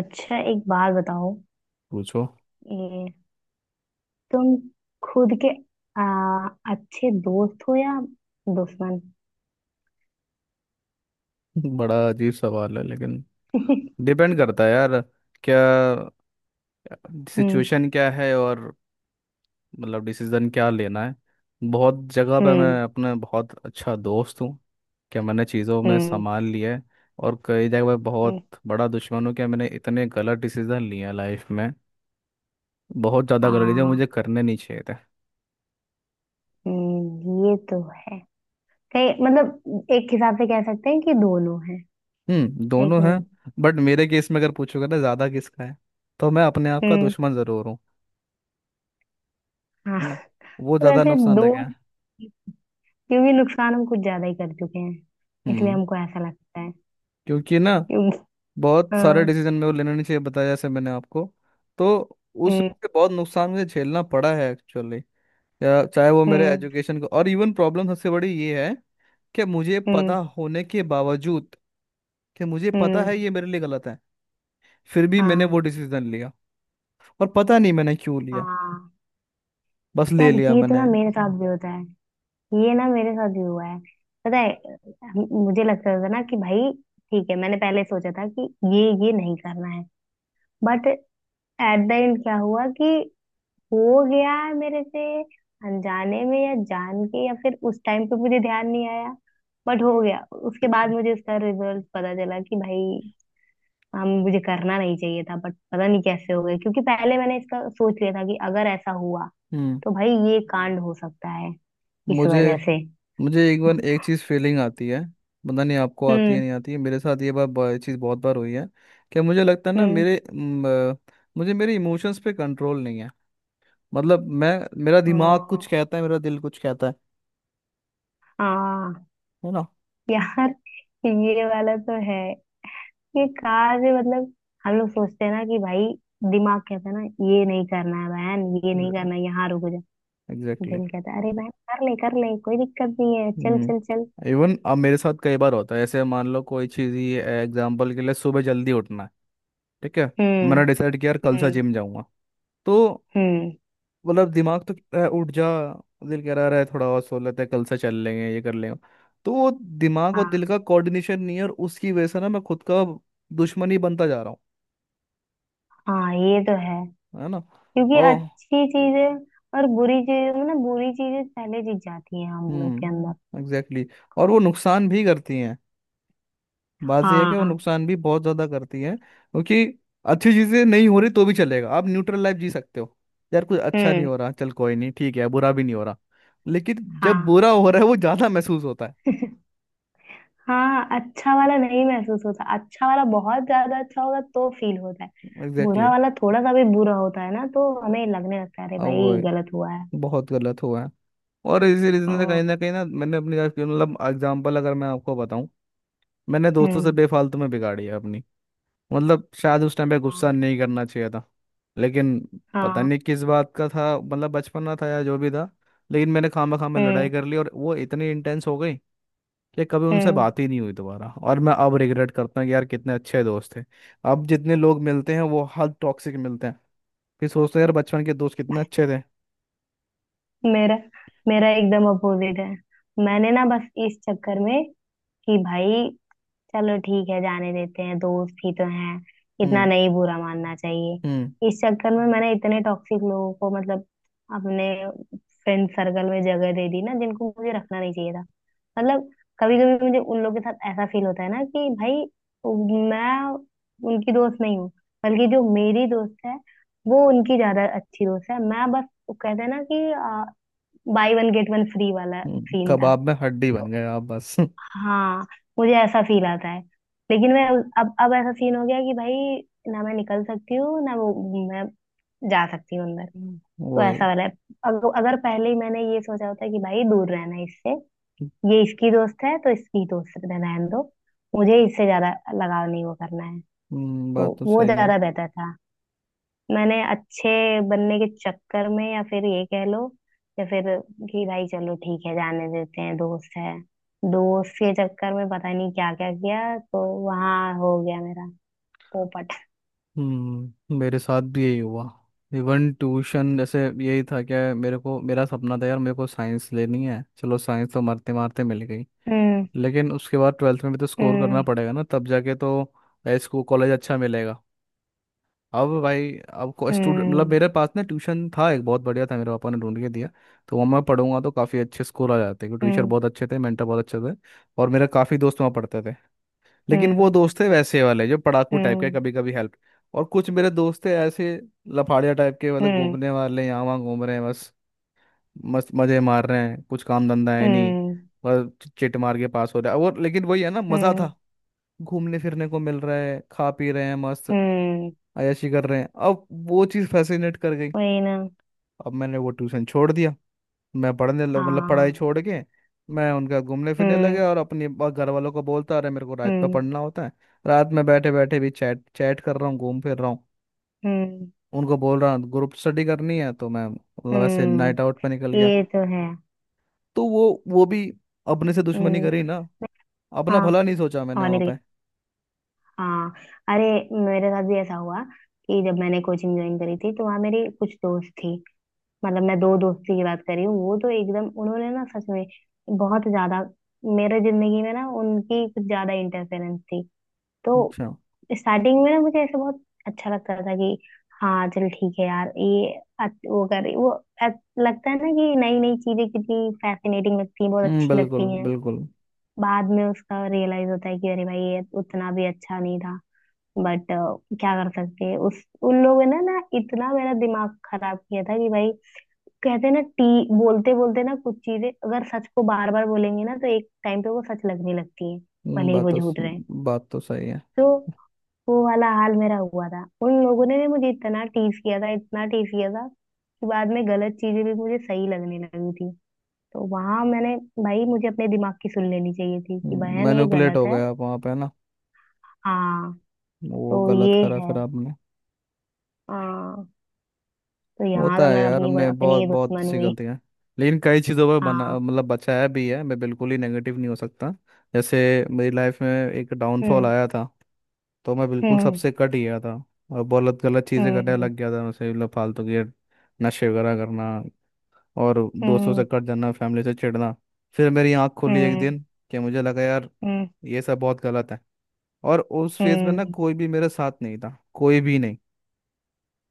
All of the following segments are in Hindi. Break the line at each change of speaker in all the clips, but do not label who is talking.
अच्छा, एक बात बताओ।
पूछो।
ये तुम खुद के अच्छे दोस्त हो या दुश्मन?
बड़ा अजीब सवाल है, लेकिन डिपेंड करता है यार। क्या
हम्म।
सिचुएशन क्या है? और मतलब डिसीजन क्या लेना है। बहुत जगह पे
हम्म।
मैं अपने बहुत अच्छा दोस्त हूँ, क्या मैंने चीज़ों में
हम्म।
संभाल लिया है। और कई जगह पे बहुत
हम्म,
बड़ा दुश्मन हूँ, क्या मैंने इतने गलत डिसीजन लिए हैं लाइफ में। बहुत ज़्यादा
आ,
गलत डिसीजन मुझे करने नहीं चाहिए थे।
ये तो है। कहीं मतलब एक हिसाब से कह सकते हैं कि दोनों हैं।
हम्म,
है
दोनों
कि
हैं।
नहीं?
बट मेरे केस में अगर पूछोगे ना ज़्यादा किसका है, तो मैं अपने आप का
हम्म।
दुश्मन ज़रूर हूँ।
हाँ।
है ना। वो
तो
ज़्यादा
वैसे
नुकसानदायक है।
दोस्त, क्योंकि नुकसान हम कुछ ज्यादा ही कर चुके हैं, इसलिए
हम्म,
हमको ऐसा लगता है।
क्योंकि ना
क्योंकि
बहुत सारे
हाँ।
डिसीजन में वो लेना नहीं चाहिए, बताया जैसे मैंने आपको। तो
हम्म।
उससे बहुत नुकसान मुझे झेलना पड़ा है एक्चुअली। या चाहे वो मेरे
हम्म।
एजुकेशन को, और इवन प्रॉब्लम सबसे बड़ी ये है कि मुझे पता
हम्म।
होने के बावजूद, कि मुझे पता
हम्म।
है ये मेरे लिए गलत है, फिर भी मैंने
हाँ।
वो डिसीजन लिया। और पता नहीं मैंने क्यों लिया,
हाँ,
बस ले
यार,
लिया
ये तो ना
मैंने।
मेरे साथ भी होता है। ये ना मेरे साथ भी हुआ है। पता है, मुझे लगता था ना कि भाई ठीक है, मैंने पहले सोचा था कि ये नहीं करना है। बट एट द एंड क्या हुआ कि हो गया है मेरे से, अनजाने में या जान के, या फिर उस टाइम पे मुझे ध्यान नहीं आया। बट हो गया। उसके बाद मुझे इसका रिजल्ट पता चला कि भाई हम मुझे करना नहीं चाहिए था, बट पता नहीं कैसे हो गया, क्योंकि पहले मैंने इसका सोच लिया था कि अगर ऐसा हुआ
हम्म।
तो भाई ये कांड हो सकता है, इस
मुझे
वजह से।
मुझे एक बार एक चीज़ फीलिंग आती है। पता नहीं आपको आती है
हम्म।
नहीं आती है, मेरे साथ ये बार बार चीज़ बहुत बार हुई है। कि मुझे लगता है ना,
हम्म।
मेरे अ, मुझे मेरे इमोशंस पे कंट्रोल नहीं है। मतलब मैं, मेरा दिमाग
हाँ।
कुछ कहता है मेरा दिल कुछ कहता है।
हाँ,
है ना।
यार, ये वाला तो है। ये कार से मतलब हम लोग सोचते हैं ना कि भाई दिमाग कहता है ना, ये नहीं करना है बहन, ये नहीं करना है, यहाँ रुक जा।
एग्जैक्टली।
दिल कहता है, अरे बहन कर ले कर ले, कोई दिक्कत नहीं है, चल चल चल।
हम्म, इवन अब मेरे साथ कई बार होता है, ऐसे मान लो कोई चीज़ ही, एग्जाम्पल के लिए सुबह जल्दी उठना है, ठीक है।
हम्म।
मैंने डिसाइड किया यार कल से
हम्म।
जिम जाऊंगा, तो
हम्म।
मतलब दिमाग तो कह रहा है उठ जा, दिल कह रहा है थोड़ा और सो लेते हैं, कल से चल लेंगे, ये कर लेंगे। तो वो दिमाग और दिल
हाँ।
का कोऑर्डिनेशन नहीं है, और उसकी वजह से ना मैं खुद का दुश्मन ही बनता जा रहा हूँ।
हाँ, ये तो है।
है ना।
क्योंकि
और
अच्छी चीजें और बुरी चीजें, मतलब बुरी चीजें पहले जीत जाती हैं हम लोग के अंदर।
हम्म, एग्जैक्टली exactly। और वो नुकसान भी करती हैं। बात ये है कि वो
हाँ।
नुकसान भी बहुत ज़्यादा करती हैं, क्योंकि अच्छी चीज़ें नहीं हो रही तो भी चलेगा, आप न्यूट्रल लाइफ जी सकते हो। यार कुछ अच्छा नहीं
हम्म।
हो रहा, चल कोई नहीं, ठीक है, बुरा भी नहीं हो रहा। लेकिन जब
हाँ।
बुरा हो रहा है वो ज़्यादा महसूस होता है।
हाँ, अच्छा वाला नहीं महसूस होता, अच्छा वाला बहुत ज्यादा अच्छा होगा तो फील होता है। बुरा वाला थोड़ा सा भी बुरा होता है ना, तो हमें लगने लगता है अरे भाई
एग्जैक्टली,
गलत हुआ है।
बहुत गलत हुआ है। और इसी रीजन से
हाँ।
कहीं ना मैंने अपनी लाइफ की, मतलब एग्जांपल अगर मैं आपको बताऊं, मैंने दोस्तों से
हम्म।
बेफालतू में बिगाड़ी है अपनी। मतलब शायद उस टाइम पे गुस्सा
हाँ।
नहीं करना चाहिए था, लेकिन पता
हाँ।
नहीं किस बात का था, मतलब बचपना था या जो भी था। लेकिन मैंने खामा खामा लड़ाई
हम्म।
कर ली, और वो इतनी इंटेंस हो गई कि कभी उनसे
हम्म।
बात ही नहीं हुई दोबारा। और मैं अब रिग्रेट करता हूँ कि यार कितने अच्छे दोस्त थे। अब जितने लोग मिलते हैं वो हद टॉक्सिक मिलते हैं। फिर सोचते हैं यार बचपन के दोस्त कितने अच्छे थे।
मेरा, मेरा एकदम अपोजिट है। मैंने ना बस इस चक्कर में कि भाई चलो ठीक है जाने देते हैं, दोस्त ही तो हैं, इतना
हम्म,
नहीं बुरा मानना
हम्म।
चाहिए। इस चक्कर में मैंने इतने टॉक्सिक लोगों को मतलब अपने फ्रेंड सर्कल में जगह दे दी ना, जिनको मुझे रखना नहीं चाहिए था। मतलब कभी कभी मुझे उन लोगों के साथ ऐसा फील होता है ना कि भाई मैं उनकी दोस्त नहीं हूँ, बल्कि जो मेरी दोस्त है वो उनकी ज्यादा अच्छी दोस्त है, मैं बस वो कहते हैं ना कि buy one get one free वाला सीन था।
कबाब में हड्डी बन
तो
गए आप बस।
हाँ, मुझे ऐसा फील आता है। लेकिन मैं अब ऐसा सीन हो गया कि भाई ना मैं निकल सकती हूँ ना वो, मैं जा सकती हूँ अंदर।
हम्म।
तो
वही।
ऐसा वाला है। अगर अगर पहले ही मैंने ये सोचा होता कि भाई दूर रहना है इससे, ये इसकी दोस्त है तो इसकी दोस्त रहना है दो, मुझे इससे ज्यादा लगाव नहीं वो करना है, तो
बात तो
वो
सही है।
ज्यादा बेहतर था। मैंने अच्छे बनने के चक्कर में, या फिर ये कह लो, या फिर कि भाई चलो ठीक है जाने देते हैं दोस्त है, दोस्त के चक्कर में पता नहीं क्या क्या किया, तो वहां हो गया मेरा पोपट।
हम्म, मेरे साथ भी यही हुआ। इवन ट्यूशन जैसे यही था क्या। मेरे को मेरा सपना था यार, मेरे को साइंस लेनी है, चलो साइंस तो मारते मारते मिल गई।
हम्म।
लेकिन उसके बाद 12वीं में भी तो स्कोर करना
हम्म।
पड़ेगा ना, तब जाके तो इसको कॉलेज अच्छा मिलेगा। अब भाई अब को स्टूडेंट, मतलब
हम्म।
मेरे पास ना ट्यूशन था एक, बहुत बढ़िया था, मेरे पापा ने ढूंढ के दिया। तो वहाँ मैं पढ़ूंगा तो काफ़ी अच्छे स्कोर आ जाते, क्योंकि टीचर
हम्म।
बहुत अच्छे थे, मेंटर बहुत अच्छे थे। और मेरे काफ़ी दोस्त वहाँ पढ़ते थे। लेकिन वो
हम्म।
दोस्त थे वैसे वाले जो पढ़ाकू टाइप के,
हम्म।
कभी कभी हेल्प। और कुछ मेरे दोस्त थे ऐसे लफाड़िया टाइप के वाले,
हम्म।
घूमने वाले, यहाँ वहाँ घूम रहे हैं बस, मस्त मज़े मार रहे हैं, कुछ काम धंधा है नहीं,
हम्म।
बस चिट मार के पास हो रहा है। और लेकिन वही है ना, मज़ा
हम्म।
था, घूमने फिरने को मिल रहा है, खा पी रहे हैं, मस्त
हम्म,
अय्याशी कर रहे हैं। अब वो चीज़ फैसिनेट कर गई।
वही ना।
अब मैंने वो ट्यूशन छोड़ दिया, मैं पढ़ने लग मतलब पढ़ाई
हाँ।
छोड़ के मैं उनका घूमने फिरने लगे।
हम्म।
और अपने घर वालों को बोलता अरे मेरे को रात में
हम्म।
पढ़ना होता है। रात में बैठे बैठे भी चैट चैट कर रहा हूँ, घूम फिर रहा हूँ।
हम्म।
उनको बोल रहा हूँ ग्रुप स्टडी करनी है, तो मैं मतलब ऐसे
हम्म।
नाइट आउट पे निकल गया।
ये तो है।
तो वो भी, अपने से दुश्मनी
हम्म।
करी ना, अपना
हाँ।
भला नहीं सोचा मैंने
और नहीं
वहाँ
तो
पे।
क्या? हाँ, अरे, मेरे साथ भी ऐसा हुआ कि जब मैंने कोचिंग ज्वाइन करी थी तो वहाँ मेरी कुछ दोस्त थी। मतलब मैं दो दोस्ती की बात कर रही हूँ। वो तो एकदम उन्होंने ना सच में बहुत ज्यादा मेरे जिंदगी में ना उनकी कुछ ज्यादा इंटरफेरेंस थी। तो
अच्छा।
स्टार्टिंग में ना मुझे ऐसा बहुत अच्छा लगता था कि हाँ चल ठीक है यार, ये वो कर रही, वो लगता है ना कि नई नई चीजें कितनी फैसिनेटिंग लगती हैं, बहुत
हम्म,
अच्छी लगती
बिल्कुल
हैं।
बिल्कुल।
बाद में उसका रियलाइज होता है कि अरे भाई ये उतना भी अच्छा नहीं था। बट क्या कर सकते हैं, उस उन लोगों ने ना इतना मेरा दिमाग खराब किया था कि भाई, कहते हैं ना, टी बोलते बोलते ना, कुछ चीजें अगर सच को बार बार बोलेंगे ना तो एक टाइम पे वो सच लगने लगती है,
हम्म,
भले ही
बात
वो
तो
झूठ रहे।
बात तो सही है।
तो वो वाला हाल मेरा हुआ था, उन लोगों ने भी मुझे इतना टीज किया था, इतना टीज किया था कि बाद में गलत चीजें भी मुझे सही लगने लगी थी। तो वहां मैंने, भाई मुझे अपने दिमाग की सुन लेनी चाहिए थी कि बहन ये
मैनिपुलेट हो
गलत है।
गया आप वहाँ पे ना,
हाँ।
वो
तो
गलत
ये
करा
है।
फिर आपने।
हाँ, तो यहाँ तो
होता है
मैं
यार,
अपनी
हमने
अपनी
बहुत
ही
बहुत
दुश्मन
सी
हुई।
गलतियां। लेकिन कई चीज़ों पर
हाँ।
बना मतलब बचाया भी है, मैं बिल्कुल ही नेगेटिव नहीं हो सकता। जैसे मेरी लाइफ में एक डाउनफॉल
हम्म।
आया था, तो मैं बिल्कुल
हम्म।
सबसे कट गया था, और बहुत गलत चीज़ें करने
हम्म।
लग गया था, जैसे मतलब फालतू के नशे वगैरह करना, और दोस्तों से
हम्म।
कट जाना, फैमिली से चिढ़ना। फिर मेरी आँख खुली एक
हम्म।
दिन, कि मुझे लगा यार
हम्म।
ये सब बहुत गलत है। और उस फेज में ना
हम्म।
कोई भी मेरे साथ नहीं था, कोई भी नहीं।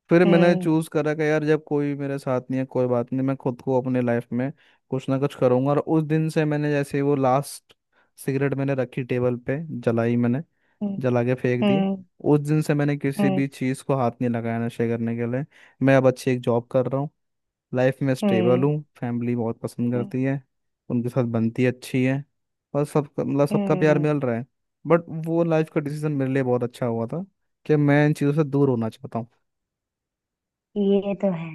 फिर मैंने
हम्म।
चूज करा कि यार जब कोई मेरे साथ नहीं है, कोई बात नहीं, मैं खुद को अपने लाइफ में कुछ ना कुछ करूंगा। और उस दिन से मैंने जैसे वो लास्ट सिगरेट मैंने रखी, टेबल पे जलाई मैंने,
हम्म।
जला के फेंक दी।
हम्म।
उस दिन से मैंने किसी भी चीज़ को हाथ नहीं लगाया नशे करने के लिए। मैं अब अच्छी एक जॉब कर रहा हूँ, लाइफ में स्टेबल
हम्म।
हूँ, फैमिली बहुत पसंद
हम्म।
करती है, उनके साथ बनती अच्छी है, और सबका मतलब सबका प्यार
हम्म,
मिल रहा है। बट वो लाइफ का डिसीजन मेरे लिए बहुत अच्छा हुआ था, कि मैं इन चीज़ों से दूर होना चाहता
ये तो है।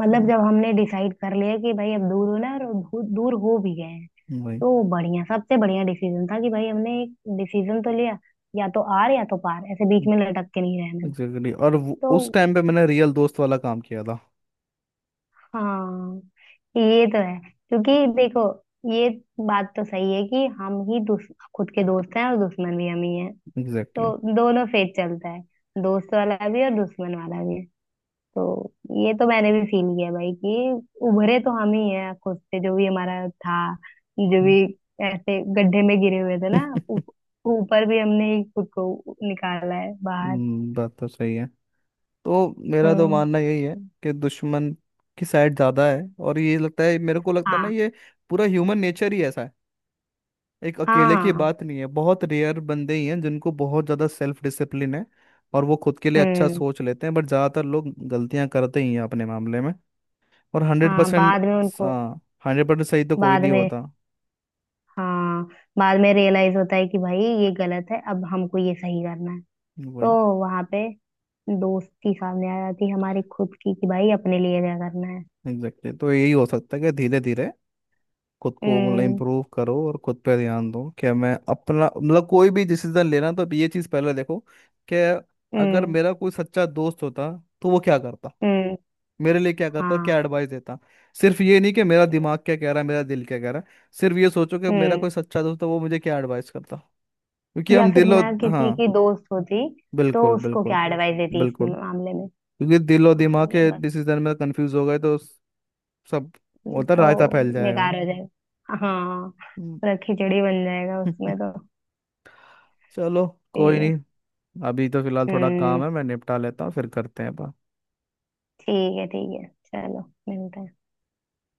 मतलब
हूँ।
जब हमने डिसाइड कर लिया कि भाई अब दूर होना है, और दूर दूर हो भी गए हैं,
वही
तो वो बढ़िया, सबसे बढ़िया डिसीजन था कि भाई हमने एक डिसीजन तो लिया। या तो आर या तो पार, ऐसे बीच में लटक के नहीं रहना है।
एग्जैक्टली। और उस
तो
टाइम पे मैंने रियल दोस्त वाला काम किया था।
हाँ, ये तो है। क्योंकि देखो, ये बात तो सही है कि हम ही खुद के दोस्त हैं और दुश्मन भी हम ही हैं।
एग्जैक्टली।
तो दोनों फेज चलता है, दोस्त वाला भी और दुश्मन वाला भी। तो ये तो मैंने भी फील किया भाई कि उभरे तो हम ही हैं खुद से, जो भी हमारा था, जो भी ऐसे गड्ढे में गिरे हुए थे ना, ऊप- ऊपर भी हमने ही खुद को निकाला है बाहर।
बात तो सही है। तो मेरा तो
हम्म।
मानना यही है कि दुश्मन की साइड ज्यादा है। और ये लगता है, मेरे को लगता है ना,
हाँ।
ये पूरा ह्यूमन नेचर ही ऐसा है, एक अकेले की
हाँ।
बात नहीं है। बहुत रेयर बंदे ही हैं जिनको बहुत ज्यादा सेल्फ डिसिप्लिन है और वो खुद के लिए अच्छा
हम्म।
सोच लेते हैं। बट ज्यादातर लोग गलतियां करते ही हैं अपने मामले में। और हंड्रेड
हाँ,
परसेंट
बाद में उनको।
हाँ, 100% सही तो कोई
बाद
नहीं
में,
होता।
हाँ, बाद में रियलाइज होता है कि भाई ये गलत है, अब हमको ये सही करना है। तो
वही
वहां पे दोस्ती सामने आ जाती है हमारी खुद की, कि भाई अपने लिए क्या करना है।
Exactly exactly। तो यही हो सकता है कि धीरे धीरे खुद को मतलब
हम्म।
इम्प्रूव करो और खुद पे ध्यान दो, कि मैं अपना मतलब कोई भी डिसीजन लेना तो अब ये चीज़ पहले देखो, कि अगर
हम्म।
मेरा कोई सच्चा दोस्त होता तो वो क्या करता,
हम्म।
मेरे लिए क्या करता, क्या
हाँ।
एडवाइस देता। सिर्फ ये नहीं कि मेरा दिमाग क्या कह रहा है, मेरा दिल क्या कह रहा है, सिर्फ ये सोचो कि मेरा
हम्म।
कोई सच्चा दोस्त है, वो मुझे क्या एडवाइस करता। क्योंकि
या
हम
फिर
दिलो,
मैं किसी
हाँ,
की दोस्त होती तो
बिल्कुल
उसको
बिल्कुल
क्या एडवाइस देती इस
बिल्कुल
मामले में।
क्योंकि दिलो
हाँ,
दिमाग
ये
के
बस।
डिसीजन में कंफ्यूज हो गए तो सब होता है,
तो
रायता फैल जाएगा।
बेकार हो जाएगा, हाँ,
हम्म।
पूरा खिचड़ी बन जाएगा उसमें तो।
चलो,
ठीक
कोई
है।
नहीं। अभी तो फिलहाल थोड़ा काम
हम्म।
है, मैं निपटा लेता हूँ, फिर करते हैं बात।
ठीक है, ठीक है, चलो, मिलते हैं।